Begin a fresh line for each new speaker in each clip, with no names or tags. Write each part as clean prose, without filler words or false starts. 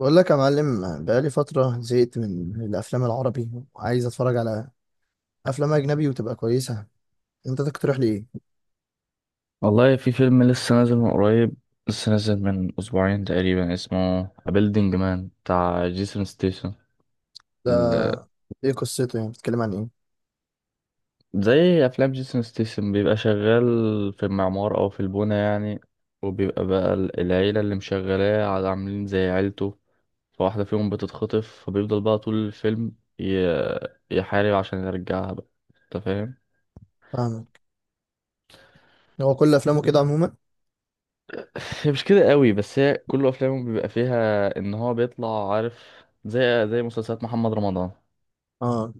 بقول لك يا معلم، بقالي فترة زهقت من الأفلام العربي وعايز أتفرج على أفلام أجنبي وتبقى كويسة. أنت تقترح لي إيه؟
والله في فيلم لسه نازل من أسبوعين تقريبا، اسمه A Building Man بتاع جيسون ستيسن.
ده إيه قصته؟ يعني بتتكلم عن إيه؟
زي أفلام جيسون ستيسن، بيبقى شغال في المعمار أو في البونة يعني. وبيبقى بقى العيلة اللي مشغلاه عاملين زي عيلته. فواحدة فيهم بتتخطف، فبيفضل بقى طول الفيلم ي- يحارب عشان يرجعها بقى. أنت فاهم؟
فاهمك. هو كل أفلامه كده عموما؟
هي مش كده قوي، بس هي كل أفلامه بيبقى فيها إن هو بيطلع عارف، زي مسلسلات محمد رمضان.
آه،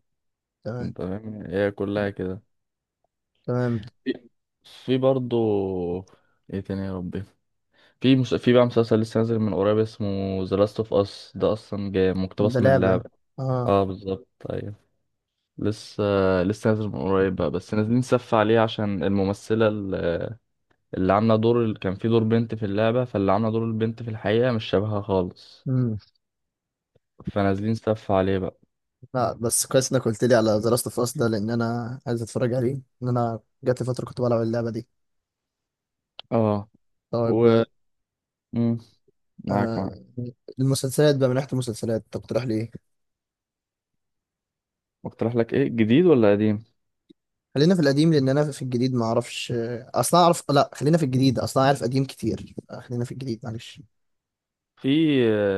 تمام.
انت فاهم، هي كلها كده.
تمام.
في برضو، ايه تاني يا ربي؟ في بقى مسلسل لسه نازل من قريب، اسمه ذا لاست اوف اس. ده اصلا جاي
ده
مقتبس من
لعبة.
اللعبة.
آه.
اه، بالظبط، ايوه. لسه لسه نازل من قريب بقى، بس نازلين سف عليه عشان الممثلة اللي عاملة دور كان في دور بنت في اللعبة، فاللي عاملة دور البنت في الحقيقة مش شبهها خالص.
مم.
فنازلين سف عليه بقى.
لا بس كويس إنك قلت لي على ذا لاست أوف أس ده، لأن أنا عايز أتفرج عليه. إن أنا جات لي فترة كنت بلعب اللعبة دي.
اه.
طيب.
و مم، معاك معاك.
آه. المسلسلات بقى، من ناحية المسلسلات تقترح لي إيه؟
اقترح لك ايه، جديد ولا قديم؟
خلينا في القديم، لان انا في الجديد ما اعرفش اصلا. اعرف، لا خلينا في الجديد، اصلا اعرف قديم كتير. خلينا في الجديد معلش.
في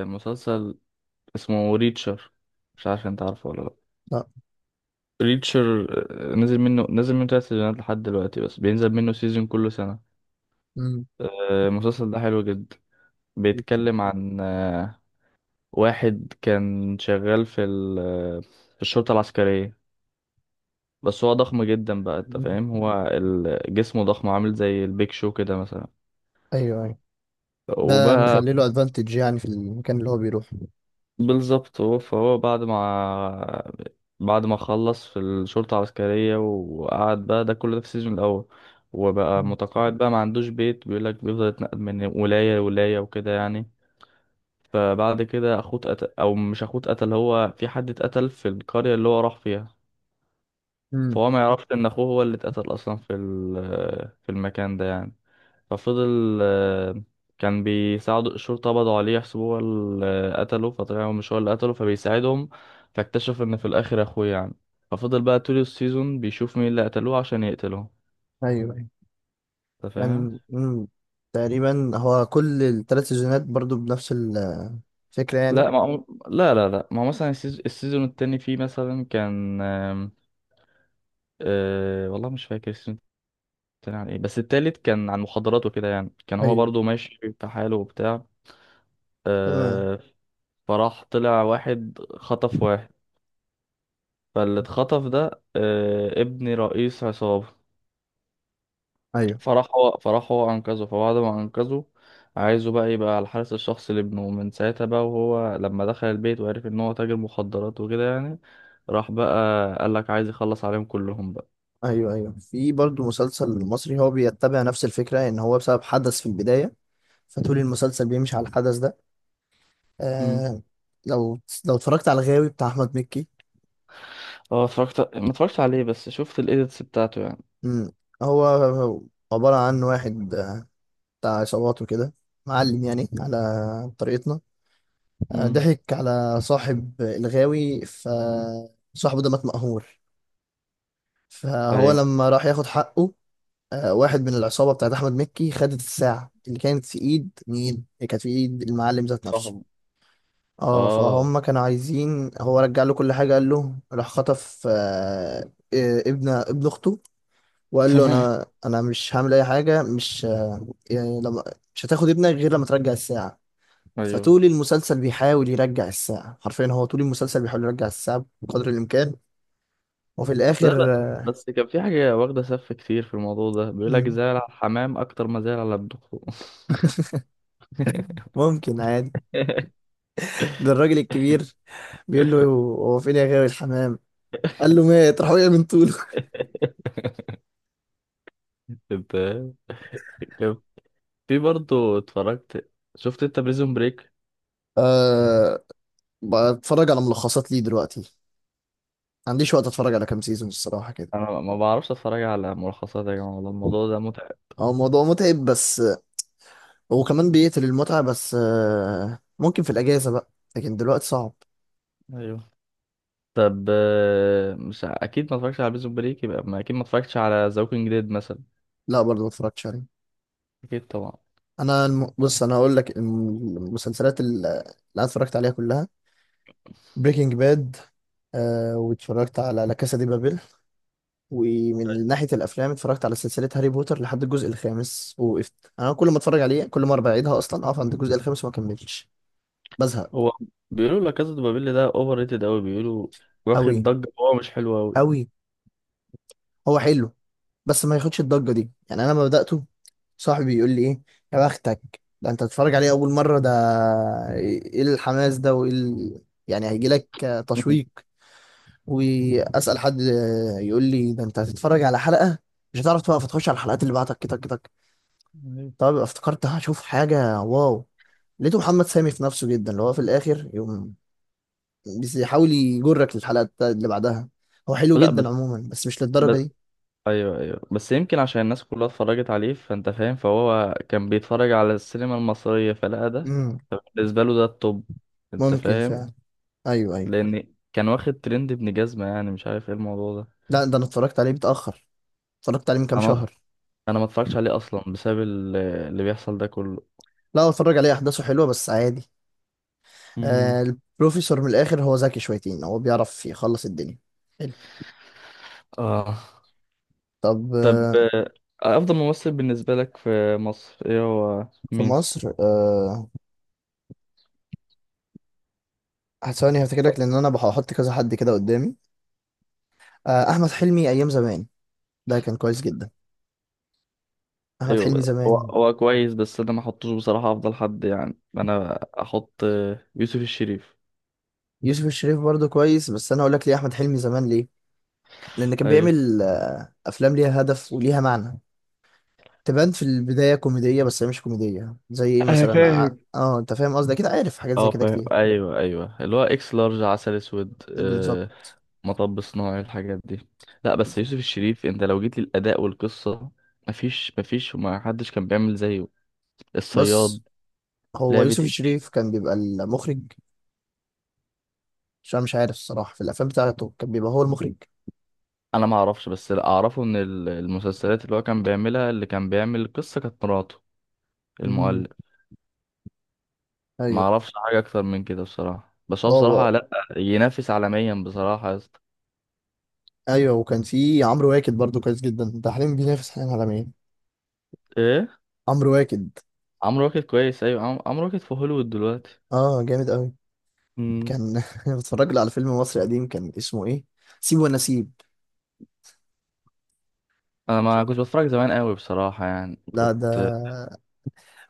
مسلسل اسمه ريتشر. مش عارف انت عارفه ولا لا.
لا.
ريتشر. نزل منه تلات سيزونات لحد دلوقتي، بس بينزل منه سيزون كل سنة.
مم.
المسلسل ده حلو جدا. بيتكلم عن واحد كان شغال في ال آه، في الشرطة العسكرية. بس هو ضخم جدا بقى، انت فاهم؟ هو جسمه ضخم، عامل زي البيك شو كده مثلا.
ايوه ايوه. ده
وبقى
مخلي له ادفانتج يعني في المكان اللي هو بيروح.
بالظبط. هو فهو بعد ما خلص في الشرطة العسكرية وقعد بقى، ده كل ده في السيزون الأول. وبقى متقاعد بقى، ما عندوش بيت، بيقولك بيفضل يتنقل من ولاية لولاية وكده يعني. فبعد كده أخوه اتقتل، أو مش أخوه اتقتل، هو في حد اتقتل في القرية اللي هو راح فيها.
امم.
فهو ما يعرفش إن أخوه هو اللي اتقتل أصلا في المكان ده يعني. ففضل كان بيساعدوا الشرطة، قبضوا عليه يحسبوه هو اللي قتله، فطلع هو مش هو اللي قتله، فبيساعدهم. فاكتشف ان في الاخر اخوه يعني. ففضل بقى طول السيزون بيشوف مين اللي قتلوه عشان يقتله.
ايوه ايوه.
انت فاهم؟
كان. مم. تقريبا هو كل الثلاث سيزونات برضو بنفس الفكره يعني.
لا. ما هو- لا، لا، لا، ما هو مثلا السيزون التاني فيه مثلا كان والله مش فاكر السيزون التاني عن ايه، بس التالت كان عن مخدرات وكده يعني، كان هو
ايوه.
برضو ماشي في حاله وبتاع.
تمام.
آه، فراح طلع واحد خطف واحد. فاللي اتخطف ده ابن رئيس عصابة.
ايوه
فراح هو أنقذه، فبعد ما أنقذه عايزه بقى يبقى على الحارس الشخصي لابنه من ساعتها بقى. وهو لما دخل البيت وعرف إن هو تاجر مخدرات وكده يعني، راح بقى قالك عايز يخلص عليهم كلهم بقى.
ايوه. ايوه في برضو مسلسل مصري هو بيتبع نفس الفكره، ان هو بسبب حدث في البدايه فطول المسلسل بيمشي على الحدث ده.
امم.
آه، لو لو اتفرجت على الغاوي بتاع احمد مكي.
اه، اتفرجت، ما اتفرجتش عليه، بس شفت الإيديتس بتاعته يعني.
مم. هو عبارة عن واحد بتاع عصابات وكده، معلم يعني على طريقتنا.
امم.
ضحك على صاحب الغاوي فصاحبه ده مات مقهور. فهو
أيوه.
لما راح ياخد حقه، واحد من العصابة بتاعت أحمد مكي خدت الساعة اللي كانت في إيد مين؟ اللي كانت في إيد المعلم ذات نفسه.
فاهم.
اه
اه.
فهم كانوا عايزين هو رجع له كل حاجة، قال له راح خطف ابن أخته، وقال له
تمام.
انا مش هعمل اي حاجه، مش يعني لما، مش هتاخد ابنك غير لما ترجع الساعه.
أيوه.
فطول المسلسل بيحاول يرجع الساعه، حرفيا هو طول المسلسل بيحاول يرجع الساعه بقدر الامكان وفي
لا،
الاخر.
لا، بس كان في حاجة واخدة سف كتير في الموضوع ده، بيقولك
مم،
زعل على الحمام أكتر ما زعل على ابنه.
ممكن عادي. ده الراجل الكبير بيقول له: هو فين يا غاوي الحمام؟ قال له مات، راح وقع من طوله.
انت لو- في برضه اتفرجت، شفت انت بريزون بريك؟
أه. بتفرج على ملخصات ليه دلوقتي، ما عنديش وقت اتفرج على كام سيزون الصراحه كده.
انا ما بعرفش اتفرج على ملخصات يا جماعه، والله الموضوع ده متعب.
هو الموضوع متعب بس، وكمان بيقتل المتعة، بس ممكن في الأجازة بقى، لكن دلوقتي صعب.
ايوه. طب، مش ع- اكيد ما اتفرجتش على بريزون بريك، يبقى ما اكيد ما اتفرجتش على ذا ووكينج ديد مثلا.
لا برضه ما اتفرجتش عليه.
اكيد طبعا.
أنا بص، أنا هقول لك المسلسلات اللي أنا اتفرجت عليها كلها: بريكنج باد، آه، واتفرجت على لا كاسا دي بابيل. ومن ناحية الأفلام اتفرجت على سلسلة هاري بوتر لحد الجزء الخامس ووقفت. أنا كل ما اتفرج عليه كل مرة بعيدها أصلا أقف عند الجزء الخامس وما أكملش، بزهق.
هو بيقولوا لا كازا دي بابيل ده اوفر ريتد قوي، بيقولوا واخد
أوي
ضجه وهو مش حلو قوي.
أوي. هو حلو بس ما ياخدش الضجة دي. يعني أنا لما بدأته صاحبي يقول لي ايه: يا بختك ده انت تتفرج عليه اول مره، ده ايه الحماس ده، وايه يعني هيجي لك تشويق. واسال حد يقول لي: ده انت هتتفرج على حلقه مش هتعرف توقف، تخش على الحلقات اللي بعدك كده كده.
أيوة.
طب يبقى افتكرت هشوف حاجه واو. لقيته محمد سامي في نفسه جدا، اللي هو في الاخر يقوم بس يحاول يجرك للحلقه اللي بعدها. هو حلو
لا، بس
جدا عموما بس مش للدرجه
بس
دي.
ايوه، ايوه، بس يمكن عشان الناس كلها اتفرجت عليه، فانت فاهم؟ فهو كان بيتفرج على السينما المصريه فلقى ده.
امم،
بالنسبة له ده الطب، انت
ممكن
فاهم؟
فعلا. ايوه ايوه.
لان كان واخد ترند ابن جزمة يعني، مش عارف ايه الموضوع ده.
لا ده انا اتفرجت عليه متاخر، اتفرجت عليه من كام
انا
شهر.
انا ما اتفرجتش عليه اصلا بسبب اللي بيحصل ده كله.
لا هو اتفرج عليه، احداثه حلوه بس عادي.
امم.
آه البروفيسور من الاخر هو ذكي شويتين، هو بيعرف يخلص الدنيا. حلو.
اه.
طب
طب،
آه.
افضل ممثل بالنسبة لك في مصر ايه، هو
في
مين؟
مصر، آه ثواني هفتكرك لان انا بحط كذا حد كده قدامي. آه احمد حلمي ايام زمان، ده كان كويس جدا. احمد
ايوه
حلمي
بدأ. هو
زمان.
هو كويس، بس انا ما احطوش بصراحة افضل حد يعني. انا احط يوسف الشريف.
يوسف الشريف برضه كويس، بس انا اقول لك ليه احمد حلمي زمان ليه. لان كان
ايوه.
بيعمل افلام ليها هدف وليها معنى، تبان في البدايه كوميديه بس هي مش كوميديه زي ايه
انا
مثلا،
فاهم.
انت فاهم قصدي، اكيد عارف حاجات زي
اه
كده
فاهم،
كتير.
ايوه، ايوه اللي هو اكس لارج، عسل اسود،
بالظبط.
مطب صناعي، الحاجات دي. لا، بس يوسف
بالظبط،
الشريف، انت لو جيت للاداء والقصه، مفيش مفيش، وما حدش كان بيعمل زيه. الصياد.
بس هو
لعبه
يوسف
إيه؟
الشريف كان بيبقى المخرج؟ عشان أنا مش عارف الصراحة في الافلام بتاعته كان بيبقى هو المخرج.
انا ما اعرفش، بس اللي اعرفه ان المسلسلات اللي هو كان بيعملها، اللي كان بيعمل القصه كانت مراته،
مم.
المؤلف. ما
ايوه.
اعرفش حاجه اكتر من كده بصراحه، بس هو بصراحه
هو
لا ينافس عالميا بصراحه يا اسطى.
ايوه. وكان في عمرو واكد برضو كويس جدا، ده حاليا بينافس حاليا على مين؟
ايه؟
عمرو واكد.
عمرو واكد كويس، ايوه، عمرو واكد في هوليوود دلوقتي.
اه جامد قوي.
امم.
كان بتفرج له على فيلم مصري قديم كان اسمه ايه، سيب ونسيب.
انا ما كنت بتفرج زمان قوي بصراحه يعني
لا ده،
كنت.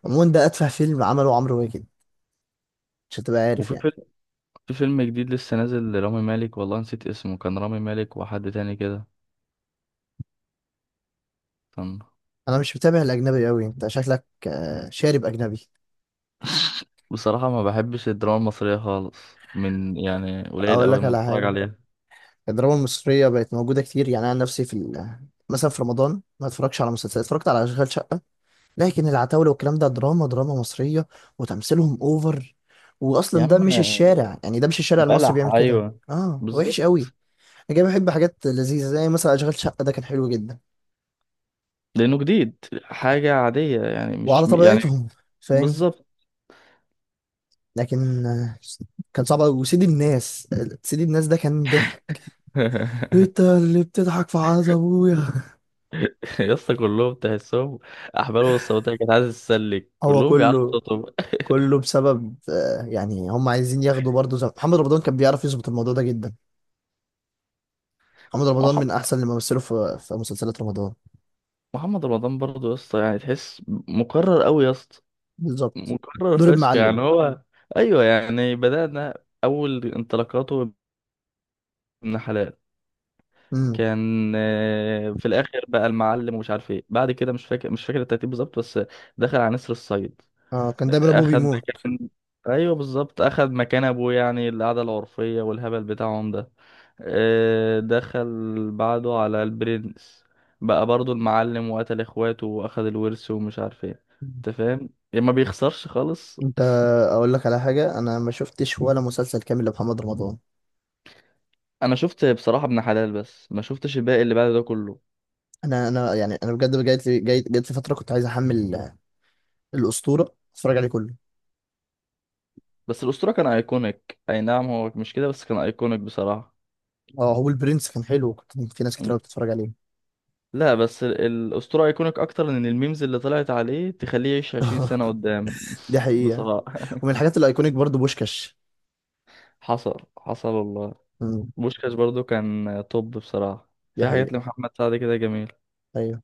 عموما ده اتفه فيلم عمله عمرو واكد، مش هتبقى عارف
وفي
يعني.
في فيلم جديد لسه نازل لرامي مالك، والله نسيت اسمه، كان رامي مالك وحد تاني كده كان.
انا مش متابع الاجنبي قوي، انت شكلك شارب اجنبي.
بصراحة ما بحبش الدراما المصرية خالص، من يعني قليل
اقول
قوي
لك
ما
على
بتفرج
حاجه،
عليها.
الدراما المصرية بقت موجودة كتير، يعني أنا نفسي في مثلا في رمضان ما اتفرجش على مسلسلات، اتفرجت على أشغال شقة. لكن العتاولة والكلام ده دراما دراما مصرية وتمثيلهم أوفر،
يا
وأصلا ده
عم
مش الشارع، يعني ده مش الشارع المصري
بلح،
بيعمل كده،
ايوه،
آه وحش قوي.
بالظبط.
أنا جاي بحب حاجات لذيذة زي مثلا أشغال شقة ده كان حلو جدا،
لانه جديد، حاجة عادية يعني، مش
وعلى
يعني،
طبيعتهم. فاهم.
بالظبط.
لكن كان صعب أوي وسيد الناس، سيد الناس ده كان ضحك. انت اللي بتضحك في عز ابويا.
يا اسطى كلهم تحسهم احبالهم الصوتية كانت عايزة تسلك،
هو
كلهم بيعلقوا
كله،
صوتهم.
كله بسبب يعني هم عايزين ياخدوا برضه زي محمد رمضان كان بيعرف يظبط الموضوع ده جدا. محمد رمضان
محمد
من احسن اللي مثلوا في مسلسلات رمضان.
محمد رمضان برضه يا اسطى يعني، تحس مقرر قوي يا اسطى.
بالظبط،
مكرر
دور
فشخ
المعلم.
يعني هو. ايوه يعني بدأنا، اول انطلاقاته، ابن حلال.
امم.
كان في الاخر بقى المعلم ومش عارف ايه بعد كده، مش فاكر الترتيب بالظبط، بس دخل على نسر الصيد.
اه كان دايما ابوه
اخد
بيموت.
مكان. ايوه بالظبط، اخد مكان ابوه يعني، القعده العرفيه والهبل بتاعهم ده. دخل بعده على البرنس، بقى برضو المعلم وقتل اخواته واخد الورث ومش عارف ايه.
مم.
انت فاهم يعني، ما بيخسرش خالص.
انت، اقول لك على حاجه، انا ما شفتش ولا مسلسل كامل لمحمد رمضان.
انا شفت بصراحه ابن حلال، بس ما شفتش الباقي اللي بعد ده كله.
انا يعني انا بجد جات لي جات لي فتره كنت عايز احمل الاسطوره، اتفرج عليه كله.
بس الاسطوره كان ايكونيك، اي نعم هو مش كده، بس كان ايكونيك بصراحه.
اه هو البرنس كان حلو، كنت في ناس كتير
م.
قوي بتتفرج عليه.
لا، بس الاسطوره ايكونيك اكتر، لان الميمز اللي طلعت عليه تخليه يعيش 20 سنه قدام.
دي حقيقه.
بصراحه.
ومن الحاجات الايكونيك برضه بوشكاش.
حصل حصل والله.
امم.
بوشكاش برضو كان توب بصراحه.
دي
في حاجات
حقيقه.
لمحمد سعد كده جميل.
ايوه